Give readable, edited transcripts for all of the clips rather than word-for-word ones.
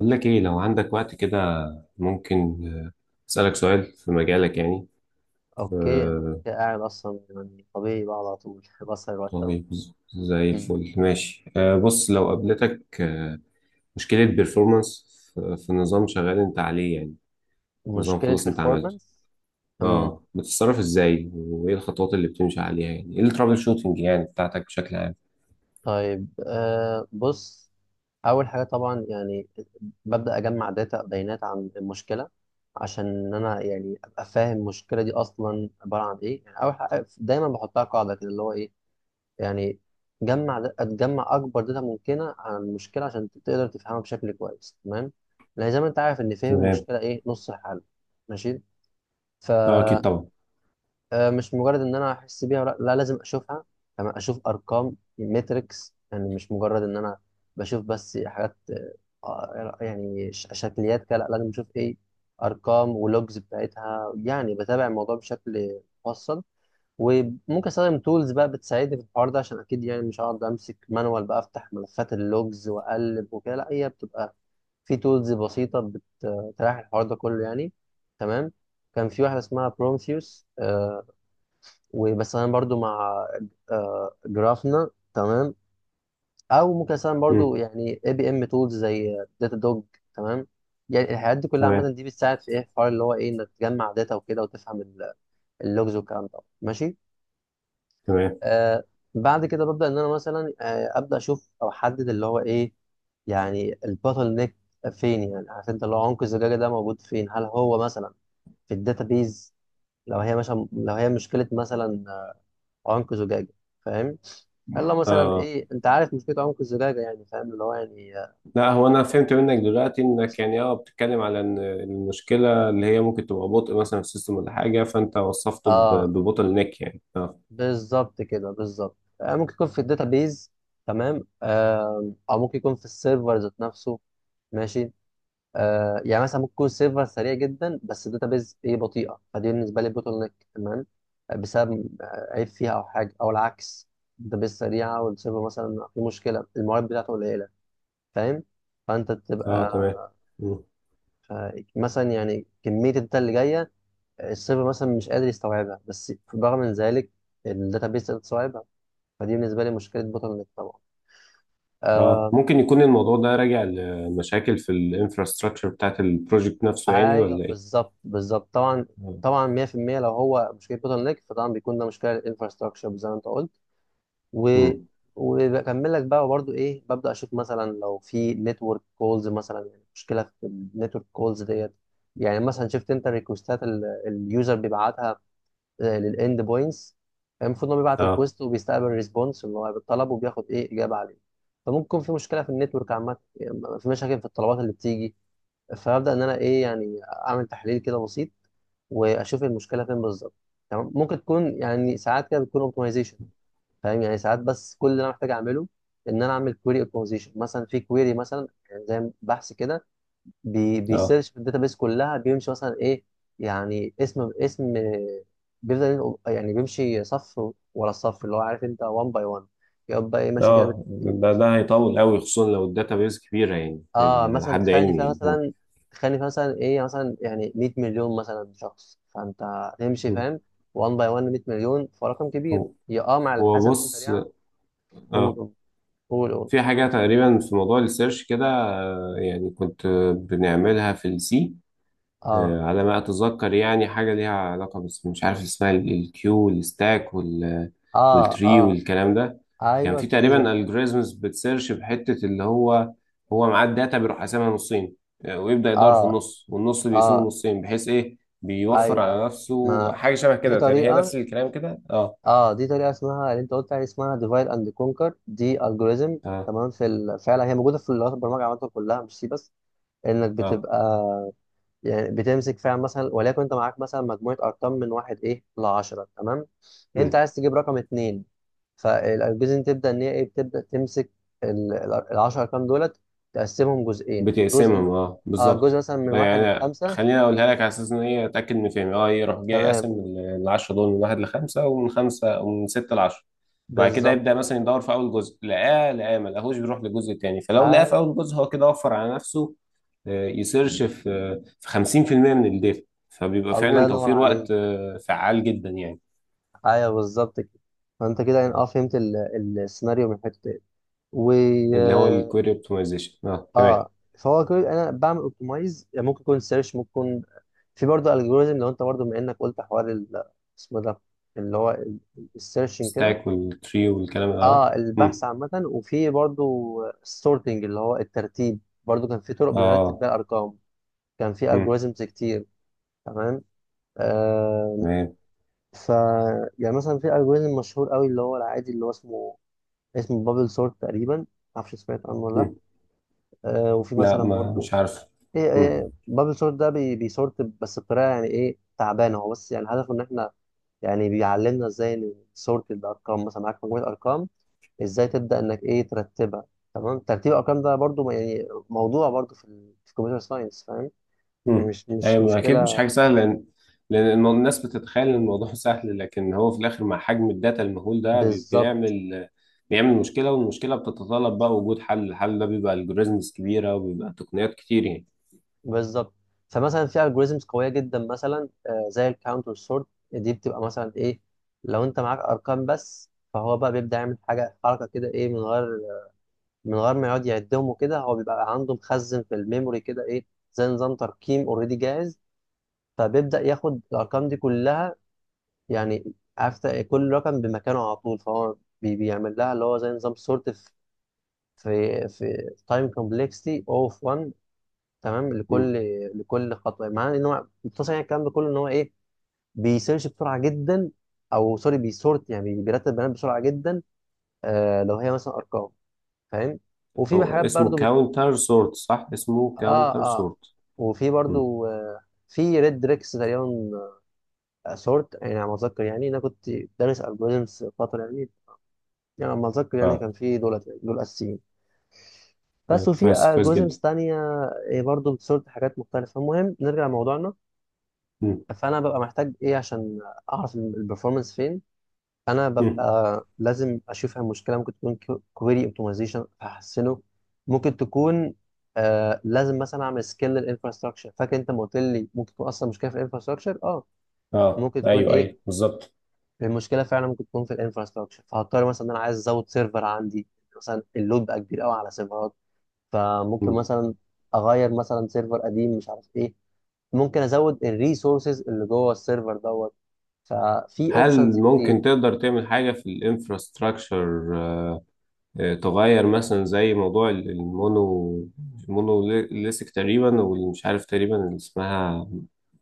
بقول لك ايه لو عندك وقت كده ممكن اسالك سؤال في مجالك يعني. اوكي، انا آه، كده قاعد اصلا يعني طبيعي بقى على طول بسهر الوقت أوي. طيب، زي مم. الفل ماشي، بص لو قابلتك مشكله بيرفورمانس في نظام شغال انت عليه، يعني نظام مشكلة خلاص انت عملته، performance. امم. اه بتتصرف ازاي وايه الخطوات اللي بتمشي عليها، يعني ايه الترابل شوتنج يعني بتاعتك بشكل عام؟ طيب، آه بص، أول حاجة طبعا يعني ببدأ أجمع داتا بيانات عن المشكلة عشان إن أنا يعني أبقى فاهم المشكلة دي أصلا عبارة عن إيه. يعني أول حاجة دايما بحطها قاعدة كده اللي هو إيه يعني تجمع أكبر داتا ممكنة عن المشكلة عشان تقدر تفهمها بشكل كويس. تمام، لأن زي ما أنت عارف إن فهم تمام. المشكلة إيه نص الحل. ماشي، ف اه اكيد طبعا. مش مجرد ان انا احس بيها ولا لا، لازم اشوفها. تمام، اشوف ارقام ماتريكس، يعني مش مجرد ان انا بشوف بس حاجات يعني شكليات كده. لا، لازم اشوف ايه، ارقام ولوجز بتاعتها. يعني بتابع الموضوع بشكل مفصل. وممكن استخدم تولز بقى بتساعدني في الحوار ده، عشان اكيد يعني مش هقعد امسك مانوال بقى افتح ملفات اللوجز واقلب وكده. لا، هي بتبقى في تولز بسيطة بتريح الحوار ده كله يعني. تمام، كان في واحدة اسمها برومثيوس وبس، أنا برضو مع جرافنا. تمام، أو ممكن أستخدم برضو مم. يعني اي بي ام تولز زي داتا دوج. تمام، يعني الحاجات دي كلها عامة، تمام، دي بتساعد في إيه الحوار اللي هو إيه، إنك تجمع داتا وكده وتفهم اللوجز والكلام ده. ماشي تمام. آه، بعد كده ببدأ إن أنا مثلا أبدأ أشوف أو أحدد اللي هو إيه يعني الباتل نيك فين. يعني عارف أنت اللي هو عنق الزجاجة ده موجود فين، هل هو مثلا في الداتابيز؟ لو هي مثلا، لو هي مشكلة مثلا عنق زجاجة، فاهم؟ هل لو مثلا آه. إيه، أنت عارف مشكلة عنق الزجاجة يعني؟ فاهم اللي هو يعني آه. لا، هو انا فهمت منك دلوقتي انك يعني بتتكلم على ان المشكله اللي هي ممكن تبقى بطء مثلا في السيستم ولا حاجه، فانت وصفته آه، ببوتل نيك يعني اه بالظبط كده، بالظبط. آه، ممكن يكون في الداتابيز، تمام. آه، أو ممكن يكون في السيرفر ذات نفسه. ماشي، آه يعني مثلا ممكن يكون السيرفر سريع جدا بس الداتابيز ايه بطيئه، فدي بالنسبه لي بوتل نيك. تمام، بسبب عيب فيها او حاجه، او العكس، الداتابيز سريعه والسيرفر مثلا في مشكله، الموارد بتاعته قليله. فاهم؟ فانت اه، تبقى تمام. مم. مثلا يعني كميه الداتا اللي جايه، السيرفر مثلا مش قادر يستوعبها، بس برغم من ذلك الداتابيز تقدر تستوعبها، فدي بالنسبه لي مشكله بوتل نيك طبعا. آه، اه، ممكن يكون الموضوع ده راجع لمشاكل في الانفراستراكشر بتاعت البروجكت نفسه، يعني ايوه ولا ايه؟ بالظبط بالظبط طبعا. مم. طبعا 100% لو هو مشكله بوتل نيك فطبعا بيكون ده مشكله الانفراستراكشر زي ما انت قلت. و مم. وبكمل لك بقى برضو ايه، ببدا اشوف مثلا لو في نتورك كولز مثلا، يعني مشكله في النتورك كولز ديت. يعني مثلا شفت انت الريكوستات اليوزر بيبعتها للاند بوينتس، المفروض انه بيبعت اه، ريكوست وبيستقبل ريسبونس اللي هو بالطلب وبياخد ايه اجابه عليه. فممكن في مشكله في النتورك عامه، يعني في مشاكل في الطلبات اللي بتيجي. فهبدأ إن أنا إيه، يعني أعمل تحليل كده بسيط وأشوف المشكلة فين بالظبط. تمام، ممكن تكون يعني ساعات كده بتكون أوبتمايزيشن، فاهم؟ يعني ساعات بس كل اللي أنا محتاج أعمله إن أنا أعمل كويري أوبتمايزيشن مثلا، في كويري مثلا يعني زي بحث كده، بي اه، بيسيرش في الداتابيس كلها بيمشي مثلا إيه، يعني اسم بيفضل يعني بيمشي صف ورا الصف، اللي هو عارف أنت 1 باي 1، يبقى إيه ماشي كده اه. بالترتيب. ده هيطول قوي، خصوصا لو الداتا بيز كبيره يعني، اه على مثلا، حد علمي يعني. تخيل ان فيها مثلا ايه يعني مثلا يعني 100 مليون مثلا شخص، فانت تمشي، مم. فاهم، 1 باي 1 100 مليون، فرقم كبير هو هي، اه مع هو الحسبه تكون بص، سريعه. قول اه قول قول. في حاجة تقريبا في موضوع السيرش كده، يعني كنت بنعملها في السي، اه على ما أتذكر، يعني حاجة ليها علاقة بس مش عارف اسمها، الكيو والستاك اه والتري اه والكلام ده. كان ايوه في تريز تقريبا وحاجات دي. الجوريزمز بتسيرش بحتة، اللي هو معاه الداتا بيروح قاسمها نصين، ويبدأ يدور في اه النص، والنص بيقسمه اه نصين، بحيث إيه بيوفر ايوه ايوه، على نفسه، ما حاجة شبه دي كده تقريبا، هي طريقه، نفس الكلام كده اه اه دي طريقه، اسمها اللي انت قلت عليها اسمها ديفايد اند كونكر، دي الجوريزم. اه، تمام، في ال... فعلا هي موجوده في لغات البرمجه عامه كلها مش سي بس، انك اه. بتبقى يعني بتمسك فعلا مثلا وليكن انت معاك مثلا مجموعه ارقام من واحد ايه ل 10. تمام، انت عايز تجيب رقم اتنين، فالجزء تبدا ان هي ايه بتبدا تمسك ال 10 ارقام دولت، تقسمهم جزئين، بتقسمهم اه جزء بالظبط. مثلا من واحد يعني لخمسه. خليني اقولها لك على اساس ان هي اتاكد من فهمي، يروح جاي تمام، قاسم العشرة دول من واحد لخمسه، ومن خمسه، ومن سته لعشره. وبعد كده بالظبط يبدا كده. مثلا يدور في اول جزء، لقاه ما لقاهوش، بيروح للجزء التاني، فلو لقاه اي، في اول جزء هو كده وفر على نفسه، يسيرش في في 50% من الداتا، فبيبقى الله فعلا ينور توفير وقت، عليك، فعال جدا يعني. ايوه بالظبط كده. فانت كده يعني اه آه، فهمت السيناريو من حته ايه. اللي هو الكويري اوبتمايزيشن، تمام. اه، فهو كل انا بعمل اوبتمايز يعني ممكن يكون سيرش، ممكن يكون في برضه الجوريزم. لو انت برضه بما انك قلت حوار اسمه ده، اللي هو السيرشنج كده، ستاك والتري والكلام ده. اه اه مم. البحث عامة. وفي برضه السورتنج اللي هو الترتيب، برضه كان في طرق بنرتب اه. بيها الارقام، كان في مم. الجوريزمز كتير. تمام آه، تمام. ف يعني مثلا في الجوريزم مشهور قوي اللي هو العادي، اللي هو اسمه، اسمه بابل سورت تقريبا، معرفش سمعت عنه ولا لا. آه، وفي لا، مثلا ما برضه مش عارف. ايه، مم. ايه بابل سورت ده، بي بيسورت بس بطريقه يعني ايه تعبانه، هو بس يعني هدفه ان احنا يعني بيعلمنا ازاي نسورت الارقام. مثلا معاك مجموعه ارقام، ازاي تبدا انك ايه ترتبها. تمام، ترتيب الارقام ده برضو يعني موضوع برضو في في الكمبيوتر ساينس، فاهم يعني مم. مش ايوه اكيد مش مشكله. حاجه سهله، لان الناس بتتخيل ان الموضوع سهل، لكن هو في الاخر مع حجم الداتا المهول ده بالظبط بيعمل مشكله، والمشكله بتتطلب بقى وجود حل. الحل ده بيبقى الجوريزمز كبيره، وبيبقى تقنيات كتير يعني. بالظبط، فمثلا في الجوريزمز قويه جدا مثلا زي الكاونت والسورت. دي بتبقى مثلا ايه، لو انت معاك ارقام بس، فهو بقى بيبدا يعمل حاجه حركه كده ايه، من غير ما يقعد يعدهم وكده، هو بيبقى عنده مخزن في الميموري كده ايه، زي نظام ترقيم اوريدي جاهز. فبيبدأ ياخد الارقام دي كلها، يعني عارف كل رقم بمكانه على طول، فهو بيعمل لها اللي هو زي نظام سورت في في تايم كومبلكسيتي اوف 1. تمام لكل، مم. لكل خطوه معناه ان هو مختصر، يعني الكلام ده كله ان هو ايه بيسيرش بسرعه جدا، او سوري بيسورت يعني بيرتب بيانات بسرعه جدا، آه لو هي مثلا ارقام، فاهم. وفي هو حاجات اسمه برضو. كاونتر سورت، صح؟ اسمه اه كاونتر اه سورت. وفي مم. برضو آه، في ريد ريكس تقريبا سورت، يعني على ما اتذكر يعني انا كنت دارس الجوريزمز فتره يعني، يعني على ما اتذكر يعني اه كان في دولت يعني دول اساسيين بس، وفي كويس، كويس الجوريزمز جدا. تانية آه، برضو بتسورت حاجات مختلفه. المهم نرجع لموضوعنا، مم. فانا ببقى محتاج ايه عشان اعرف البرفورمانس فين. انا مم. ببقى لازم اشوفها مشكله، ممكن تكون كويري اوبتمايزيشن احسنه، ممكن تكون آه لازم مثلا اعمل سكيل للانفراستراكشر، فاكر انت ما قلت لي ممكن تكون اصلا مشكله في الانفراستراكشر اه. اه، ممكن تكون ايوه، ايه، ايوه بالظبط. المشكله فعلا ممكن تكون في الانفراستراكشر، فهضطر مثلا ان انا عايز ازود سيرفر عندي، مثلا اللود بقى كبير قوي على سيرفرات، فممكن مم. مثلا اغير مثلا سيرفر قديم مش عارف ايه، ممكن ازود الريسورسز اللي جوه السيرفر دوت، ففي هل اوبشنز كتير. ممكن تقدر تعمل حاجه في الانفراستراكشر، تغير مثلا زي موضوع المونوليثك تقريبا، واللي مش عارف تقريبا اللي اسمها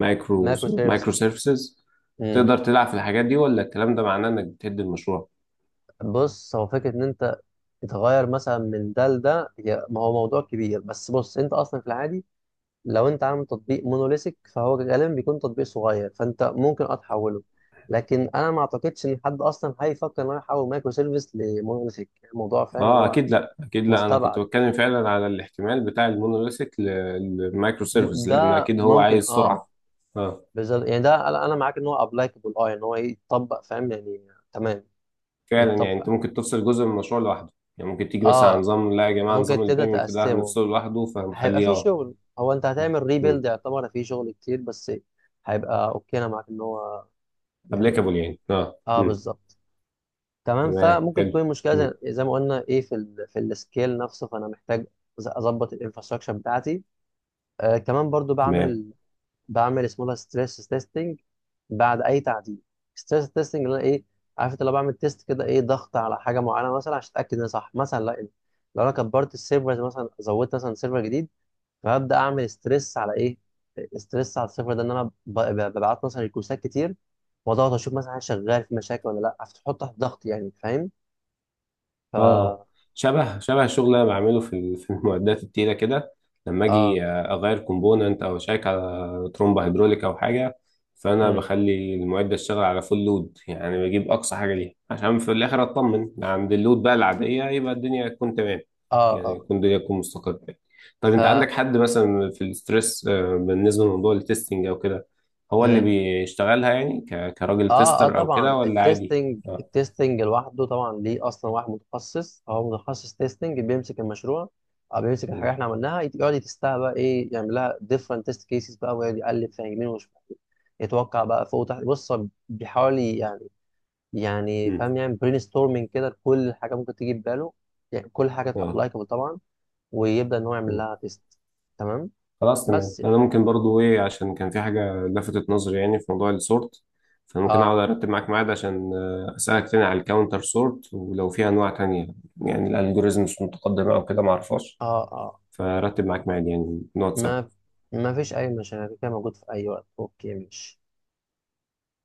مايكرو مايكرو مايكرو سيرفيسز، سيرفيسز؟ تقدر تلعب في الحاجات دي، ولا الكلام ده معناه انك بتهد المشروع؟ بص هو فكرة إن أنت تتغير مثلا من ده لده هي، ما هو موضوع كبير بس بص، أنت أصلا في العادي لو أنت عامل تطبيق مونوليثيك فهو غالبا بيكون تطبيق صغير، فأنت ممكن أه تحوله. لكن أنا ما أعتقدش إن حد أصلا هيفكر إن هو يحول مايكرو سيرفيس لمونوليثيك، الموضوع فاهم اللي اه، هو اكيد لا، اكيد لا. انا كنت مستبعد. بتكلم فعلا على الاحتمال بتاع المونوليثك للمايكرو سيرفيس، لان ده اكيد هو ممكن عايز أه، سرعه. اه بالظبط يعني ده، أنا أنا معاك إن هو أبلايكابل أه، يعني هو يتطبق فاهم يعني. تمام، فعلا، يعني انت يتطبق ممكن تفصل جزء من المشروع لوحده، يعني ممكن تيجي مثلا على أه، نظام، لا يا جماعه نظام ممكن تبدأ البيمنت ده تقسمه، هنفصله لوحده، هيبقى فهنخليه في شغل، هو انت هتعمل ريبيلد، يعتبر في شغل كتير بس هيبقى اوكي، انا معاك ان هو يعني ابليكابل يعني. اه اه مم. بالظبط. تمام، تمام، فممكن حلو. تكون المشكله زي، مم. زي ما قلنا ايه في ال في السكيل نفسه، فانا محتاج اظبط الانفراستراكشر بتاعتي. آه كمان برضو تمام. بعمل، بعمل اسمه ده ستريس تيستنج بعد اي تعديل. ستريس تيستنج اللي انا ايه، عارف انت لو بعمل تيست كده ايه ضغط على حاجه معينه مثلا عشان اتاكد ان هي صح مثلا. لا، لو انا كبرت السيرفرز مثلا، زودت مثلا سيرفر جديد، فهبدا اعمل ستريس على ايه، ستريس على الصفر ده، ان انا ببعت مثلا ريكوستات كتير واضغط، اشوف مثلا حاجه شغال في مشاكل ولا لا، فتحط تحت ضغط يعني فاهم. ف اه شبه شبه الشغل اللي انا بعمله في في المعدات التقيله كده، لما اه. اجي اغير كومبوننت او اشيك على ترومبه هيدروليك او حاجه، فانا امم. بخلي المعده تشتغل على فول لود، يعني بجيب اقصى حاجه ليها عشان في الاخر اطمن عند اللود بقى العاديه يبقى الدنيا تكون تمام، اه يعني اه تكون الدنيا تكون مستقره يعني. طب ف انت عندك حد مثلا في الستريس، بالنسبه لموضوع التستنج او كده، هو اللي امم. بيشتغلها يعني كراجل اه تيستر او طبعا كده، ولا عادي؟ التستنج لوحده طبعا ليه اصلا واحد متخصص، هو متخصص تستنج بيمسك المشروع او بيمسك الحاجه مم. احنا عملناها يقعد يتستها بقى ايه، يعمل لها different test cases بقى ويقعد يقلب فيها يمين وشمال، يتوقع بقى فوق وتحت. بص هو بيحاول يعني، يعني مم. فاهم يعني برين ستورمنج كده لكل حاجه ممكن تيجي في باله، يعني كل حاجه اه. ابلايكابل طبعا، ويبدا ان هو يعمل مم. لها تيست. تمام خلاص، تمام. بس يعني. انا ممكن برضو ايه، عشان كان في حاجه لفتت نظري يعني في موضوع السورت، فانا ممكن اه اقعد ارتب معاك ميعاد عشان اسالك تاني على الكاونتر سورت، ولو في انواع تانية يعني الالجوريزمز متقدمه او كده ما اعرفهاش، اه اه فرتب معاك ميعاد يعني نقعد ما سوا. ما فيش اي مشاكل، كده موجود في اي وقت، اوكي ماشي.